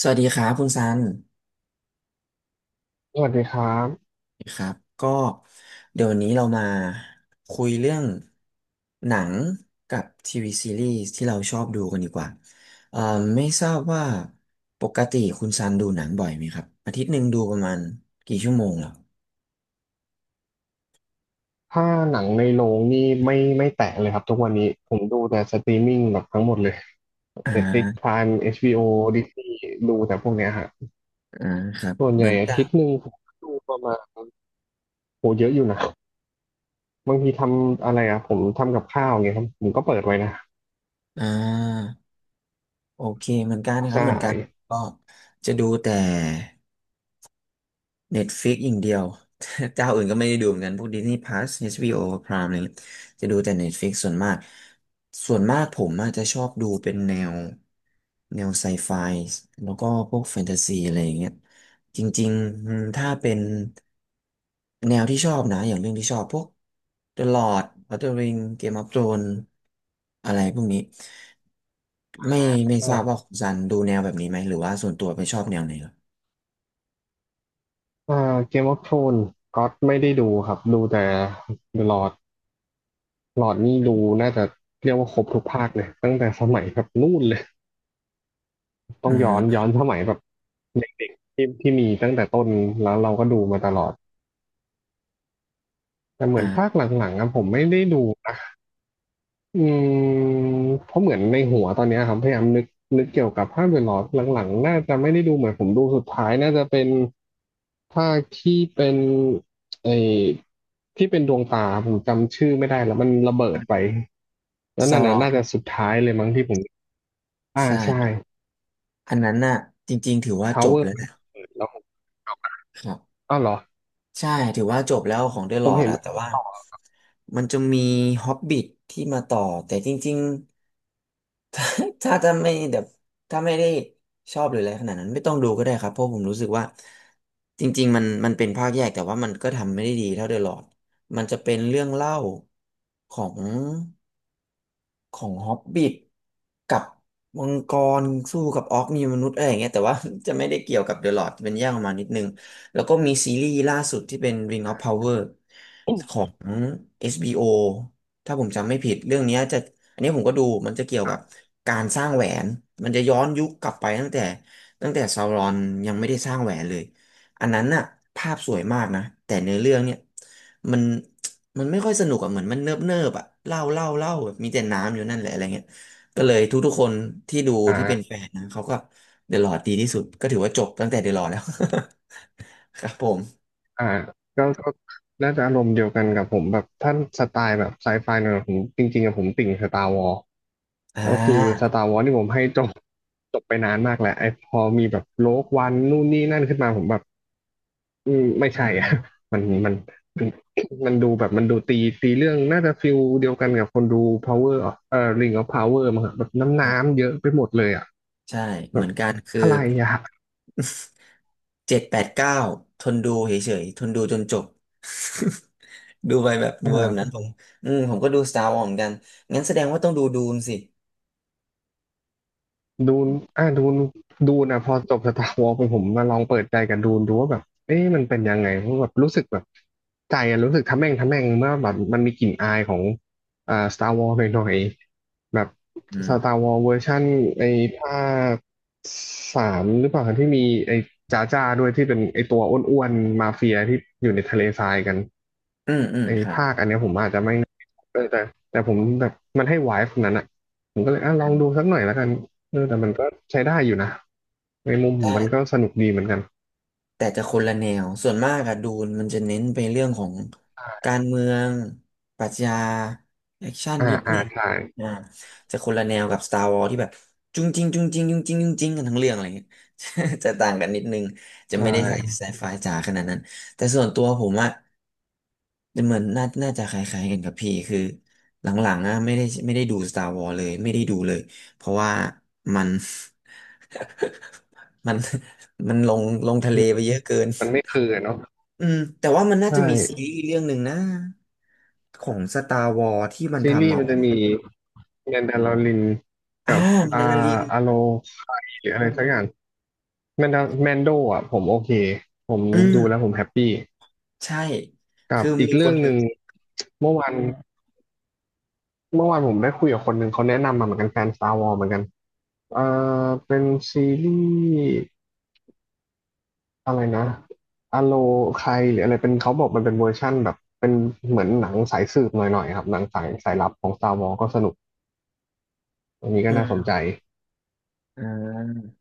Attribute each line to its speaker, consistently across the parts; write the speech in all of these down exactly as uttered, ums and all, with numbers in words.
Speaker 1: สวัสดีครับคุณซัน
Speaker 2: สวัสดีครับ
Speaker 1: สวครับก็เดี๋ยววันนี้เรามาคุยเรื่องหนังกับทีวีซีรีส์ที่เราชอบดูกันดีกว่าเอ่อไม่ทราบว่าปกติคุณซันดูหนังบ่อยไหมครับอาทิตย์หนึ่งดูประมาณกี่ชั่วโมงเหรอ
Speaker 2: ถ้าหนังในโรงนี่ไม่ไม่แตะเลยครับทุกวันนี้ผมดูแต่สตรีมมิ่งแบบทั้งหมดเลย
Speaker 1: อ่
Speaker 2: Netflix
Speaker 1: า
Speaker 2: Prime เอช บี โอ Disney ดูแต่พวกเนี้ยฮะ
Speaker 1: อ่าครับ
Speaker 2: ส่วน
Speaker 1: เห
Speaker 2: ให
Speaker 1: มื
Speaker 2: ญ่
Speaker 1: อน
Speaker 2: อา
Speaker 1: กั
Speaker 2: ทิต
Speaker 1: น
Speaker 2: ย์หนึ่งผมดูประมาณโหเยอะอยู่นะบางทีทำอะไรอ่ะผมทำกับข้าวเงี้ยครับผมก็เปิดไว้นะ
Speaker 1: อ่าโอเคเหมือนกันนะครั
Speaker 2: ใช่
Speaker 1: บเหมือนกันก็จะดูแต่ เน็ตฟิกอย่างเดียว เจ้าอื่นก็ไม่ได้ดูเหมือนกันพวก Disney Plus เอช บี โอ Prime อะไรเงี้ยจะดูแต่ Netflix ส่วนมากส่วนมากผมอาจจะชอบดูเป็นแนวแนวไซไฟแล้วก็พวกแฟนตาซีอะไรอย่างเงี้ยจริงๆอืมถ้าเป็นแนวที่ชอบนะอย่างเรื่องที่ชอบพวก The Lord l o f the Ring Game of Thrones อะไรพวกนี้ไม่ไม่ทราบ
Speaker 2: อ่า
Speaker 1: ว่าคุณซันดูแนวแบบนี้ไหมหรือว่าส่วนตัวไปชอบแนวไหนเหรอ
Speaker 2: อ่าเกมออฟโทรนก็ไม่ได้ดูครับดูแต่หลอดหลอดนี่ดูน่าจะเรียกว่าครบทุกภาคเลยตั้งแต่สมัยแบบนู่นเลย ต้อ
Speaker 1: อ่
Speaker 2: งย้อน
Speaker 1: า
Speaker 2: ย้อนสมัยแบบเด็กๆที่ที่มีตั้งแต่ต้นแล้วเราก็ดูมาตลอดแต่เหมือนภาค
Speaker 1: อ่า
Speaker 2: หลังๆอะผมไม่ได้ดูนะอืมเพราะเหมือนในหัวตอนเนี้ยครับพยายามนึกนึกเกี่ยวกับภาคเดอะลอร์ดหลังๆน่าจะไม่ได้ดูเหมือนผมดูสุดท้ายน่าจะเป็นภาคที่เป็นไอที่เป็นดวงตาผมจำชื่อไม่ได้แล้วมันระเบิดไปแล้ว
Speaker 1: ซา
Speaker 2: นั่น
Speaker 1: ร
Speaker 2: น่ะ
Speaker 1: อน
Speaker 2: น่าจะสุดท้ายเลยมั้งที่ผมอ่าใช่
Speaker 1: ใช่อันนั้นน่ะจริงๆถือว่าจบ
Speaker 2: Tower
Speaker 1: แล้วนะ
Speaker 2: แล้วผม
Speaker 1: ครับ
Speaker 2: อ้าวเหรอ
Speaker 1: ใช่ถือว่าจบแล้วของเดอะ
Speaker 2: ผ
Speaker 1: ลอ
Speaker 2: ม
Speaker 1: ร์ด
Speaker 2: เห็น
Speaker 1: อะแต่ว่ามันจะมีฮอบบิทที่มาต่อแต่จริงๆ ถ้าถ้าจะไม่แบบถ้าไม่ได้ชอบหรืออะไรขนาดนั้นไม่ต้องดูก็ได้ครับเพราะผมรู้สึกว่าจริงๆมันมันเป็นภาคแยกแต่ว่ามันก็ทำไม่ได้ดีเท่าเดอะลอร์ดมันจะเป็นเรื่องเล่าของ ของฮอบบิทกับมังกรสู้กับออกมีมนุษย์อะไรอย่างเงี้ยแต่ว่า จะไม่ได้เกี่ยวกับเดอะลอรดเป็นแยกออกมานิดนึงแล้วก็มีซีรีส์ล่าสุดที่เป็น Ring of Power ของ เอช บี โอ ถ้าผมจำไม่ผิดเรื่องเนี้ยจะอันนี้ผมก็ดูมันจะเกี่ยวกับการสร้างแหวนมันจะย้อนยุคกลับไปตั้งแต่ตั้งแต่ซาวรอนยังไม่ได้สร้างแหวนเลยอันนั้นน่ะภาพสวยมากนะแต่เนื้อเรื่องเนี่ยมัน มันไม่ค่อยสนุกอ่ะเหมือนมันเนิบเนิบอ่ะเล่าเล่าเล่าแบบมีแต่น้ำอยู่นั่นแหละอะไรเงี้ยก็เลยทุกๆคนที่ดู
Speaker 2: อ่
Speaker 1: ที่เป็นแฟ
Speaker 2: า
Speaker 1: นนะเขาก็เดอะลอร์ดดีที่สุดก็ถือว่าจบตั้งแต่เดอะลอร์ดแล้ว ครับผม
Speaker 2: อ่าก็ก็น่าจะอารมณ์เดียวกันกับผมแบบท่านสไตล์แบบไซไฟเนี่ยผมจริงๆอะผมติ่งสตาร์วอล
Speaker 1: อ่
Speaker 2: ก็คือส
Speaker 1: า
Speaker 2: ตาร์วอลที่ผมให้จบจบไปนานมากแล้วไอ้พอมีแบบโลกวันนู่นนี่นั่นขึ้นมาผมแบบอืมไม่
Speaker 1: อื
Speaker 2: ใช่
Speaker 1: ม
Speaker 2: อะ มันมันมันมันดูแบบมันดูตีตีเรื่องน่าจะฟิลเดียวกันกับคนดู Power of เอ่อ Ring of Power มั้งครับแบบน้ำ
Speaker 1: อืม
Speaker 2: น้ำเยอะไปหมดเลยอ่ะ
Speaker 1: ใช่
Speaker 2: แบ
Speaker 1: เหมื
Speaker 2: บ
Speaker 1: อนกันคือ
Speaker 2: อะไรอ่ะ
Speaker 1: เจ็ดแปดเก้าทนดูเฉยๆทนดูจนจบ ดูไปแบบดูไปแบบนั้น
Speaker 2: อ่า
Speaker 1: ผมอืมผมก็ดู Star Wars เหมือนกันงั้นแสดงว่าต้องดูดูนสิ
Speaker 2: ดูนอ่ะดูนดูนะพอจบสตาร์วอลไปผมมาลองเปิดใจกับดูนดูว่าแบบ เอ๊ะมันเป็นยังไง เพราะแบบ รู้สึกแบบ ใจอะรู้สึกทะแม่งทะแม่งเมื่อแบบมันมีกลิ่นอายของอ่าสตาร์วอลหน่อยๆแบบ
Speaker 1: อื
Speaker 2: สตา
Speaker 1: ม
Speaker 2: ร์วอลเวอร์ชั่นไอ้ภาคสามหรือเปล่า ที่มีไอ้จ้าจ้าด้วย ที่เป็นไอ้ตัวอ้วนๆมาเฟียที่อยู่ในทะเลทรายกัน
Speaker 1: อืมอืม
Speaker 2: ไอ้
Speaker 1: ครับ
Speaker 2: ภาคอันเนี้ยผมอาจจะไม่เออแต่แต่ผมแบบมันให้ไวฟ์นั้นอ่ะผมก็เลยอ่ะลองดูสักหน่อยแล้วกันเออแต่มันก็ใช้ได้อยู่นะในมุมผม
Speaker 1: ได้
Speaker 2: มันก็สนุกดีเหมือนกัน
Speaker 1: แต่จะคนละแนวส่วนมากอะดูนมันจะเน้นไปเรื่องของการเมืองปรัชญาแอคชั่น
Speaker 2: อ่า
Speaker 1: นิด
Speaker 2: อ่า
Speaker 1: นิด
Speaker 2: ใช่
Speaker 1: อ่าจะคนละแนวกับ Star Wars ที่แบบจุงจริงจุงจริงจุงจริงจุงจริงกันทั้งเรื่องอะไรเงี้ย จะต่างกันนิดนึงจะ
Speaker 2: ใช่
Speaker 1: ไม่ได้ใส่ไซไฟจ๋าขนาดนั้น แต่ส่วนตัวผมอะเหมือนน่าน่าจะคล้ายๆกันกับพี่คือหลังๆอะไม่ได้ไม่ได้ดู Star Wars เลยไม่ได้ดูเลยเพราะว่ามัน มันมันลงลงทะเล
Speaker 2: มัน
Speaker 1: ไปเยอะเกิน
Speaker 2: มันไม่คืออะเนาะ
Speaker 1: อืมแต่ว่ามันน่า
Speaker 2: ใช่
Speaker 1: จะมีซีรีส์เรื่องหนึ่งนะของสตาร์วอ s ที่มัน
Speaker 2: ซี
Speaker 1: ทำ
Speaker 2: รีส์
Speaker 1: มา
Speaker 2: มันจะมีแมนดาลอริน
Speaker 1: อ่า
Speaker 2: กับอา
Speaker 1: มันดาริน
Speaker 2: อาโลไคหรืออะไรสักอย่างแมนดาแมนโดอ่ะผมโอเคผม
Speaker 1: อื
Speaker 2: ดู
Speaker 1: ม
Speaker 2: แล้วผมแฮปปี้
Speaker 1: ใช่
Speaker 2: กับ
Speaker 1: คือ
Speaker 2: อีก
Speaker 1: มีค
Speaker 2: เรื่
Speaker 1: น
Speaker 2: อง
Speaker 1: ห
Speaker 2: ห
Speaker 1: นึ่ง
Speaker 2: นึ่งเมื่อวาน เมื่อวานผมได้คุยกับคนหนึ่งเขาแนะนำมาเหมือนกันแฟน Star Wars เหมือนกัน เอ่อ เป็นซีรีส์อะไรนะอโลใครหรืออะไรเป็นเขาบอกมันเป็นเวอร์ชั่นแบบเป็นเหมือนหนังสายสืบหน่อยๆครับหนังสายสายลับของ Star Wars ก็สนุกอันนี้ก็
Speaker 1: อื
Speaker 2: น่าสนใจ
Speaker 1: มอ่า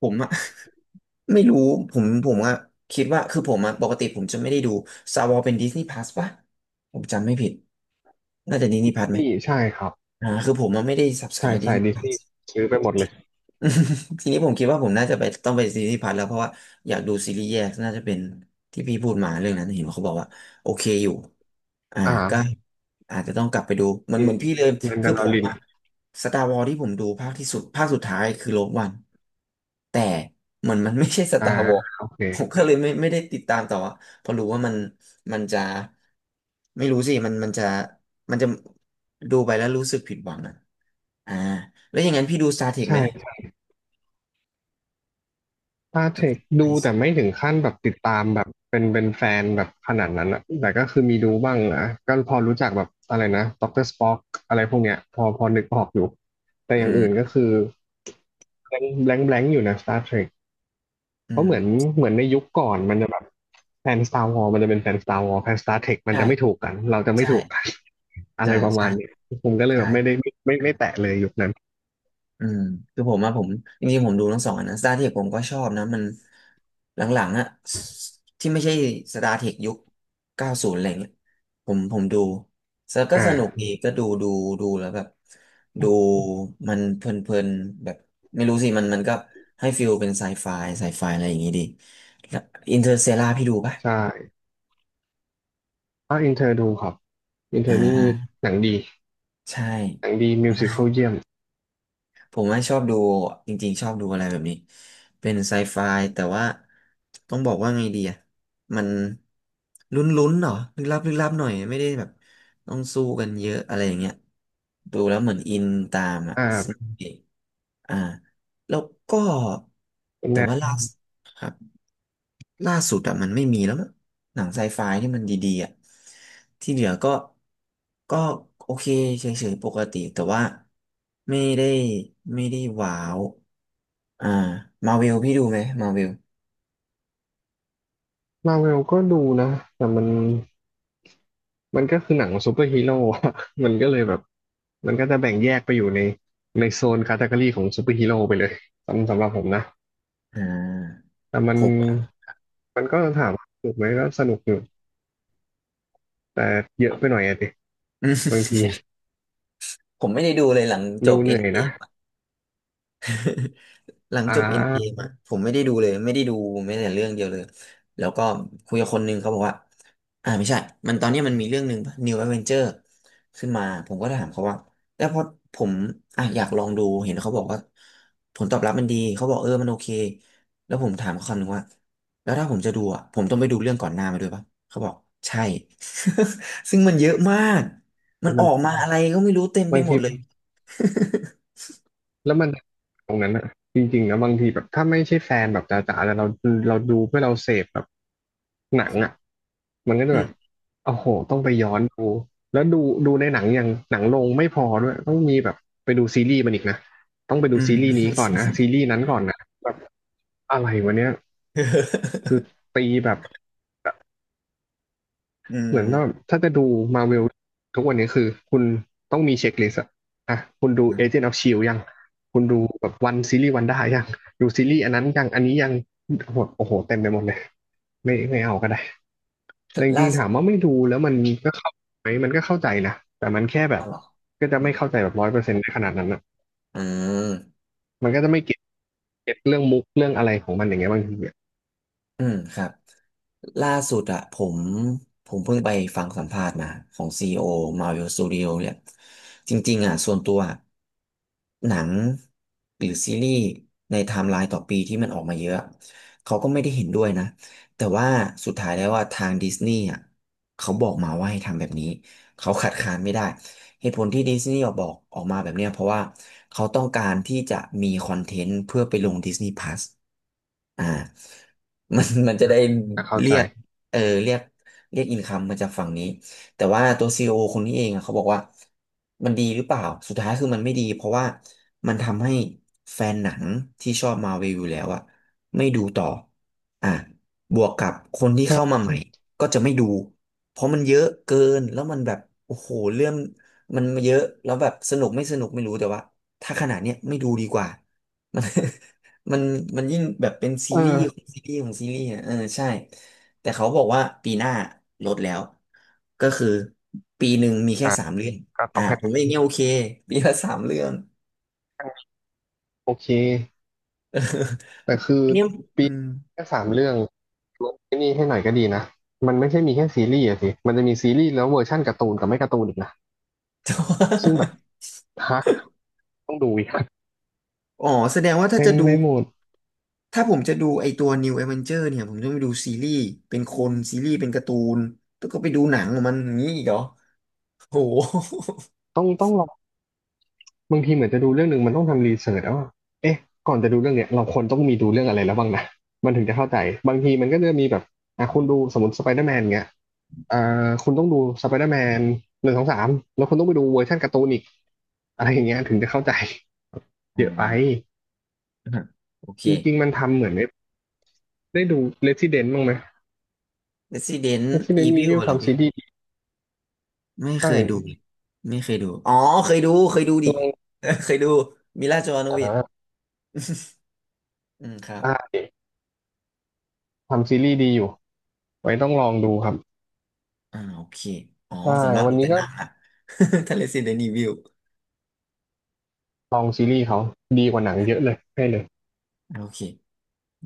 Speaker 1: ผมอะ ไม่รู้ผมผมอะคิดว่าคือผมอะปกติผมจะไม่ได้ดูสตาร์วอ s เป็นดิสนีย์พ u s สป่ะผมจำไม่ผิดน่าจะดิสนีย์พ u s ไหม
Speaker 2: นี่ใช่ครับ
Speaker 1: อ่าคือผมอะไม่ได้
Speaker 2: ใช่
Speaker 1: subscribe ดิส
Speaker 2: ใช่
Speaker 1: นีย์
Speaker 2: ดิ
Speaker 1: พ
Speaker 2: ส
Speaker 1: u
Speaker 2: นี
Speaker 1: s
Speaker 2: ย์ซื้อไปหมดเลย
Speaker 1: ทีนี้ผมคิดว่าผมน่าจะไปต้องไปซีรีส์พัทแล้วเพราะว่าอยากดูซีรีส์แยกน่าจะเป็นที่พี่พูดมาเรื่องนั้นเห็นเขาบอกว่าโอเคอยู่อ่า
Speaker 2: อ่า
Speaker 1: ก็อาจจะต้องกลับไปดูมัน
Speaker 2: มี
Speaker 1: เหมือนพี่เลย
Speaker 2: แมน
Speaker 1: คื
Speaker 2: ดา
Speaker 1: อ
Speaker 2: ล
Speaker 1: ผ
Speaker 2: อ
Speaker 1: ม
Speaker 2: ริน
Speaker 1: อะสตาร์วอ s ที่ผมดูภาคที่สุดภาคสุดท้ายคือโลกวันแต่เหมือนมันไม่ใช่ส
Speaker 2: อ่า
Speaker 1: ตาร์วอ s
Speaker 2: โอเค
Speaker 1: ผมก็เลยไม่ไม่ได้ติดตามต่ออะเพราะรู้ว่ามันมันจะไม่รู้สิมันมันจะมันจะดูไปแล้วรู้สึกผิดหวังอะอ่าแล้วอย่างนั้นพี่ดู Star Trek ไหม
Speaker 2: ใช่ ตาเท
Speaker 1: กับ
Speaker 2: ค
Speaker 1: ไอ
Speaker 2: ดู
Speaker 1: ซ์
Speaker 2: แต่ไม่ถึงขั้นแบบติดตามแบบเป็นเป็นแฟนแบบขนาดนั้นอะแต่ก็คือมีดูบ้างนะก็พอรู้จักแบบอะไรนะด็อกเตอร์สป็อกอะไรพวกเนี้ยพอพอนึกออกอยู่ แต่
Speaker 1: อื
Speaker 2: อย่างอื่นก็
Speaker 1: ม
Speaker 2: คือแบงแบงแบงอยู่นะ Star Trek
Speaker 1: อื
Speaker 2: เพราะเหมือน
Speaker 1: ม
Speaker 2: เหมือนในยุคก่อนมันจะแบบแฟน Star Wars มันจะเป็นแฟน Star Wars แฟน Star Trek มัน
Speaker 1: ใช่
Speaker 2: จะไม่ถูกกัน เราจะไม่
Speaker 1: ใช่
Speaker 2: ถูกกัน อะ
Speaker 1: ใช่
Speaker 2: ไรประ
Speaker 1: ใช่
Speaker 2: มาณเนี้ยผมก็เลย
Speaker 1: ใช่
Speaker 2: แบบไม่ได้ไม่ไม่ไม่แตะเลยยุคนั้น
Speaker 1: อืมคือผมอะผมจริงๆผมดูทั้งสองอันนะสตาร์เทคผมก็ชอบนะ มันหลังๆอะสที่ไม่ใช่สตาร์เทคยุคเก้าศูนย์อะไรเงี้ยผมผมดูแล้วก็
Speaker 2: อ่
Speaker 1: สนุกดี
Speaker 2: า
Speaker 1: ก็ดูดูดูแล้วแบบดูมันเพลินๆแบบไม่รู้สิมันมันก็ให้ฟิลเป็นไซไฟไซไฟอะไรอย่างงี้ดีแล้วอินเตอร์เซลาพี่ดูปะ
Speaker 2: ใช่ถ้าอินเทอร์ดูครับอินเท
Speaker 1: อ่
Speaker 2: อร์นี่
Speaker 1: า
Speaker 2: หนังดี
Speaker 1: ใช่
Speaker 2: หนังดีมิวสิควลเยี่ยม
Speaker 1: ผมว่าชอบดูจริงๆชอบดูอะไรแบบนี้เป็นไซไฟแต่ว่าต้องบอกว่าไงดีอ่ะมันลุ้นๆเหรอลึกลับลึกลับหน่อยไม่ได้แบบต้องสู้กันเยอะอะไรอย่างเงี้ยดูแล้วเหมือนอินตามอ่ะ
Speaker 2: อ่
Speaker 1: ซึ่ง
Speaker 2: า
Speaker 1: อ่าแล้วก็แต่
Speaker 2: แนว
Speaker 1: ว่าล่าสุดครับ ล่าสุดอะมันไม่มีแล้วมั้งหนังไซไฟที่มันดีๆอะที่เหลือก็ก็โอเคเฉยๆปกติแต่ว่าไม่ได้ไม่ได้ว้าว อ่ามาวิลพี่ดูไหมมาวิล
Speaker 2: มาเวลก็ดูนะแต่มันมันก็คือหนังซูเปอร์ฮีโร่อะ มันก็เลยแบบ มันก็จะแบ่งแยกไปอยู่ในในโซนคาตากรีของซูเปอร์ฮีโร่ไปเลยสำสำหรับผมนะ
Speaker 1: อ่า
Speaker 2: แต่มั
Speaker 1: ผ
Speaker 2: น
Speaker 1: มอะ
Speaker 2: มันก็ถามว่าสนุกไหมก็สนุกอยู่ แต่เยอะไปหน่อยอะดิบางที
Speaker 1: ผมไม่ได้ดูเลยหลังจ
Speaker 2: ดู
Speaker 1: บ
Speaker 2: เห
Speaker 1: เอ็
Speaker 2: นื่
Speaker 1: น
Speaker 2: อย
Speaker 1: เอ
Speaker 2: นะ
Speaker 1: หลัง
Speaker 2: อ่
Speaker 1: จบเอ็นเกม
Speaker 2: า
Speaker 1: อ่ะผมไม่ได้ดูเลยไม่ได้ดูแม้แต่เรื่องเดียวเลยแล้วก็คุยกับคนหนึงเขาบอกว่าอ่าไม่ใช่มันตอนเนี้ยมันมีเรื่องหนึ่งป่ะ New Avenger ขึ้นมาผมก็ถามเขาว่าแล้วพอผมอ่ะอยากลองดูเห็นเขาบอกว่าผลตอบรับมันดีเขาบอกเออมันโอเคแล้วผมถามเขาคำหนึ่งว่าแล้วถ้าผมจะดูอ่ะผมต้องไปดูเรื่องก่อนหน้ามาด้วยปะเขาบอกใช่ ซึ่งมันเยอะมากมันอ
Speaker 2: มั
Speaker 1: อ
Speaker 2: น
Speaker 1: กมาอะไรก็ไม่รู้เต็มไป
Speaker 2: บาง
Speaker 1: หม
Speaker 2: ที
Speaker 1: ดเลย
Speaker 2: แล้วมันตรงนั้นอะจริงๆนะบางทีแบบถ้าไม่ใช่แฟนแบบจ๋าๆแต่เราเราดูเพื่อเราเสพแบบหนังอะมันก็จะ
Speaker 1: อื
Speaker 2: แบบ
Speaker 1: ม
Speaker 2: โอ้โหต้องไปย้อนดูแล้วดูดูในหนังอย่างหนังลงไม่พอด้วยต้องมีแบบไปดูซีรีส์มันอีกนะต้องไปดู
Speaker 1: อื
Speaker 2: ซีรีส์นี้ก่อน
Speaker 1: ม
Speaker 2: นะซีรีส์นั้นก่อนนะแบบอะไรวะเนี้ยตีแบบ
Speaker 1: อื
Speaker 2: เหมือน
Speaker 1: ม
Speaker 2: ว่าถ้าจะดูมาเวลทุกวันนี้คือคุณต้องมีเช็คลิสต์อะอ่ะคุณดู
Speaker 1: อืม
Speaker 2: Agent of Shield ยังคุณดูแบบวันซีรีส์วันได้ยังดูซีรีส์อันนั้นยังอันนี้ยังโอ้โหโอ้โหเต็มไปหมดเลยไม่ไม่เอาก็ได้แต่จ
Speaker 1: ล่า
Speaker 2: ริงๆ
Speaker 1: สุ
Speaker 2: ถา
Speaker 1: ด
Speaker 2: มว่าไม่ดูแล้วมันก็เข้าไหมมันก็เข้าใจนะแต่มันแค่แบ
Speaker 1: อ๋
Speaker 2: บ
Speaker 1: อเหร
Speaker 2: ก็จะไม่
Speaker 1: อ
Speaker 2: เข้าใจ
Speaker 1: อ
Speaker 2: แบบร้อยเปอร์เซ็นต์ในขนาดนั้นอะ
Speaker 1: ืม
Speaker 2: มันก็จะไม่เก็ตเก็ตเรื่องมุกเรื่องอะไรของมันอย่างเงี้ยบางทีอะ
Speaker 1: อืมครับ ล่าสุดอะผมผมเพิ่งไปฟังสัมภาษณ์มาของซีโอมาวิ s สตูดิโอ Marvel Studio เนี่ยจริงๆอะส่วนตัวอะหนังหรือซีรีส์ในไทม์ไลน์ต่อปีที่มันออกมาเยอะเขาก็ไม่ได้เห็นด้วยนะแต่ว่าสุดท้ายแล้วว่าทางดิสนีย์อะเขาบอกมาว่าให้ทำแบบนี้เขาขัดขานไม่ได้เหตุผลที่ดิสนีย์ออกบอกออกมาแบบเนี้ยเพราะว่าเขาต้องการที่จะมีคอนเทนต์เพื่อไปลง Disney Plus อ่า มัน มันจะ
Speaker 2: อ่ะ
Speaker 1: ได้
Speaker 2: ก็เข้า
Speaker 1: เรี
Speaker 2: ใจ
Speaker 1: ยกเออเรียกเรียกอินคัมมาจากฝั่งนี้แต่ว่าตัวซีอโอคนนี้เองอะเขาบอกว่ามันดีหรือเปล่าสุดท้ายคือมันไม่ดีเพราะว่ามันทำให้แฟนหนังที่ชอบมาเวลอยู่แล้วอะไม่ดูต่ออ่ะบวกกับคนที่เข้า
Speaker 2: ใช่
Speaker 1: มาใหม่ก็จะไม่ดูเพราะมันเยอะเกินแล้วมันแบบโอ้โหเรื่องมันเยอะแล้วแบบสนุกไม่สนุกไม่รู้แต่ว่าถ้าขนาดเนี้ยไม่ดูดีกว่า มัน มันมันยิ่งแบบเป็นซี
Speaker 2: เอ
Speaker 1: รีส์ขอ
Speaker 2: อ
Speaker 1: งซีรีส์ของซีรีส์อ่ะเออใช่แต่เขาบอกว่าปีหน้าลดแล้วก็คือปีหนึ่งมีแค่
Speaker 2: อ่ะ
Speaker 1: สามเรื่อง
Speaker 2: ก็ต้
Speaker 1: อ่า
Speaker 2: องให้
Speaker 1: ผมว่าอย่างเงี้ยโอเคปีละสามเรื่อง
Speaker 2: โอเค
Speaker 1: เออ
Speaker 2: แต่คือ
Speaker 1: อันเนี้ย
Speaker 2: ปี
Speaker 1: อืม
Speaker 2: แค่สามเรื่องลดไอ้นี่ให้หน่อยก็ดีนะมันไม่ใช่มีแค่ซีรีส์อะสิมันจะมีซีรีส์แล้วเวอร์ชั่นการ์ตูนกับไม่การ์ตูนอีกนะ
Speaker 1: แต่ว่า
Speaker 2: ซึ่งแบบฮะต้องดูอีก
Speaker 1: อ๋อแสดงว่า ถ้า
Speaker 2: เป็
Speaker 1: จะ
Speaker 2: นไป
Speaker 1: ดู
Speaker 2: หมด
Speaker 1: ถ้าผมจะดูไอตัว New Avenger เนี่ยผมต้องไปดูซีรีส์เป็นคนซีรีส์เป็นการ์ตูนแล้วก็ไปดูหนังของมันอย่างนี้อีกเหรอโห
Speaker 2: ต้องต้องลองบางทีเหมือนจะดูเรื่องหนึ่งมันต้องทำรีเสิร์ชแล้วว่าเอ๊ะก่อนจะดูเรื่องเนี้ยเราควรต้องมีดูเรื่องอะไรแล้วบ้างนะมันถึงจะเข้าใจบางทีมันก็จะมีแบบอ่ะคุณดูสมมติสไปเดอร์แมนเงี้ยอ่าคุณต้องดูสไปเดอร์แมนหนึ่งสองสามแล้วคุณต้องไปดูเวอร์ชันการ์ตูนอีกอะไรอย่างเงี้ยถึงจะเข้าใจเยอะไป
Speaker 1: อ่า โอเค
Speaker 2: จริงๆมันทำเหมือน ได้ดู Resident บ้างไหม
Speaker 1: Resident
Speaker 2: Resident
Speaker 1: Evil
Speaker 2: Evil
Speaker 1: เหรอ
Speaker 2: ทำ
Speaker 1: พี่
Speaker 2: ซีรีส์ดี
Speaker 1: ไม่เคยดู
Speaker 2: ใช่
Speaker 1: ไม่เคยดู อ๋อเคยดู เคยดูดิ
Speaker 2: ลอง
Speaker 1: เออเคยดูมิลาโจโน
Speaker 2: อ่า
Speaker 1: วิช
Speaker 2: นะ
Speaker 1: อืมครับ
Speaker 2: อ่าเด็กทำซีรีส์ดีอยู่ ไว้ต้องลองดูครับ
Speaker 1: อ่าโอเคอ๋อ
Speaker 2: ใช่
Speaker 1: ส่วนมาก
Speaker 2: วั
Speaker 1: ดู
Speaker 2: นนี้
Speaker 1: แต่
Speaker 2: ก็
Speaker 1: หนังอะ ทะเลซีเดนีวิว
Speaker 2: ลองซีรีส์เขาดีกว่าหนังเยอะเลย ให้เลย
Speaker 1: โอเค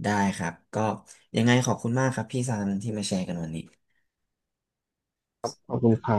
Speaker 1: ได้ครับ ก็ยังไงขอบคุณมากครับพี่ซันที่มาแชร์กันวันนี้
Speaker 2: ขอบคุณค่ะ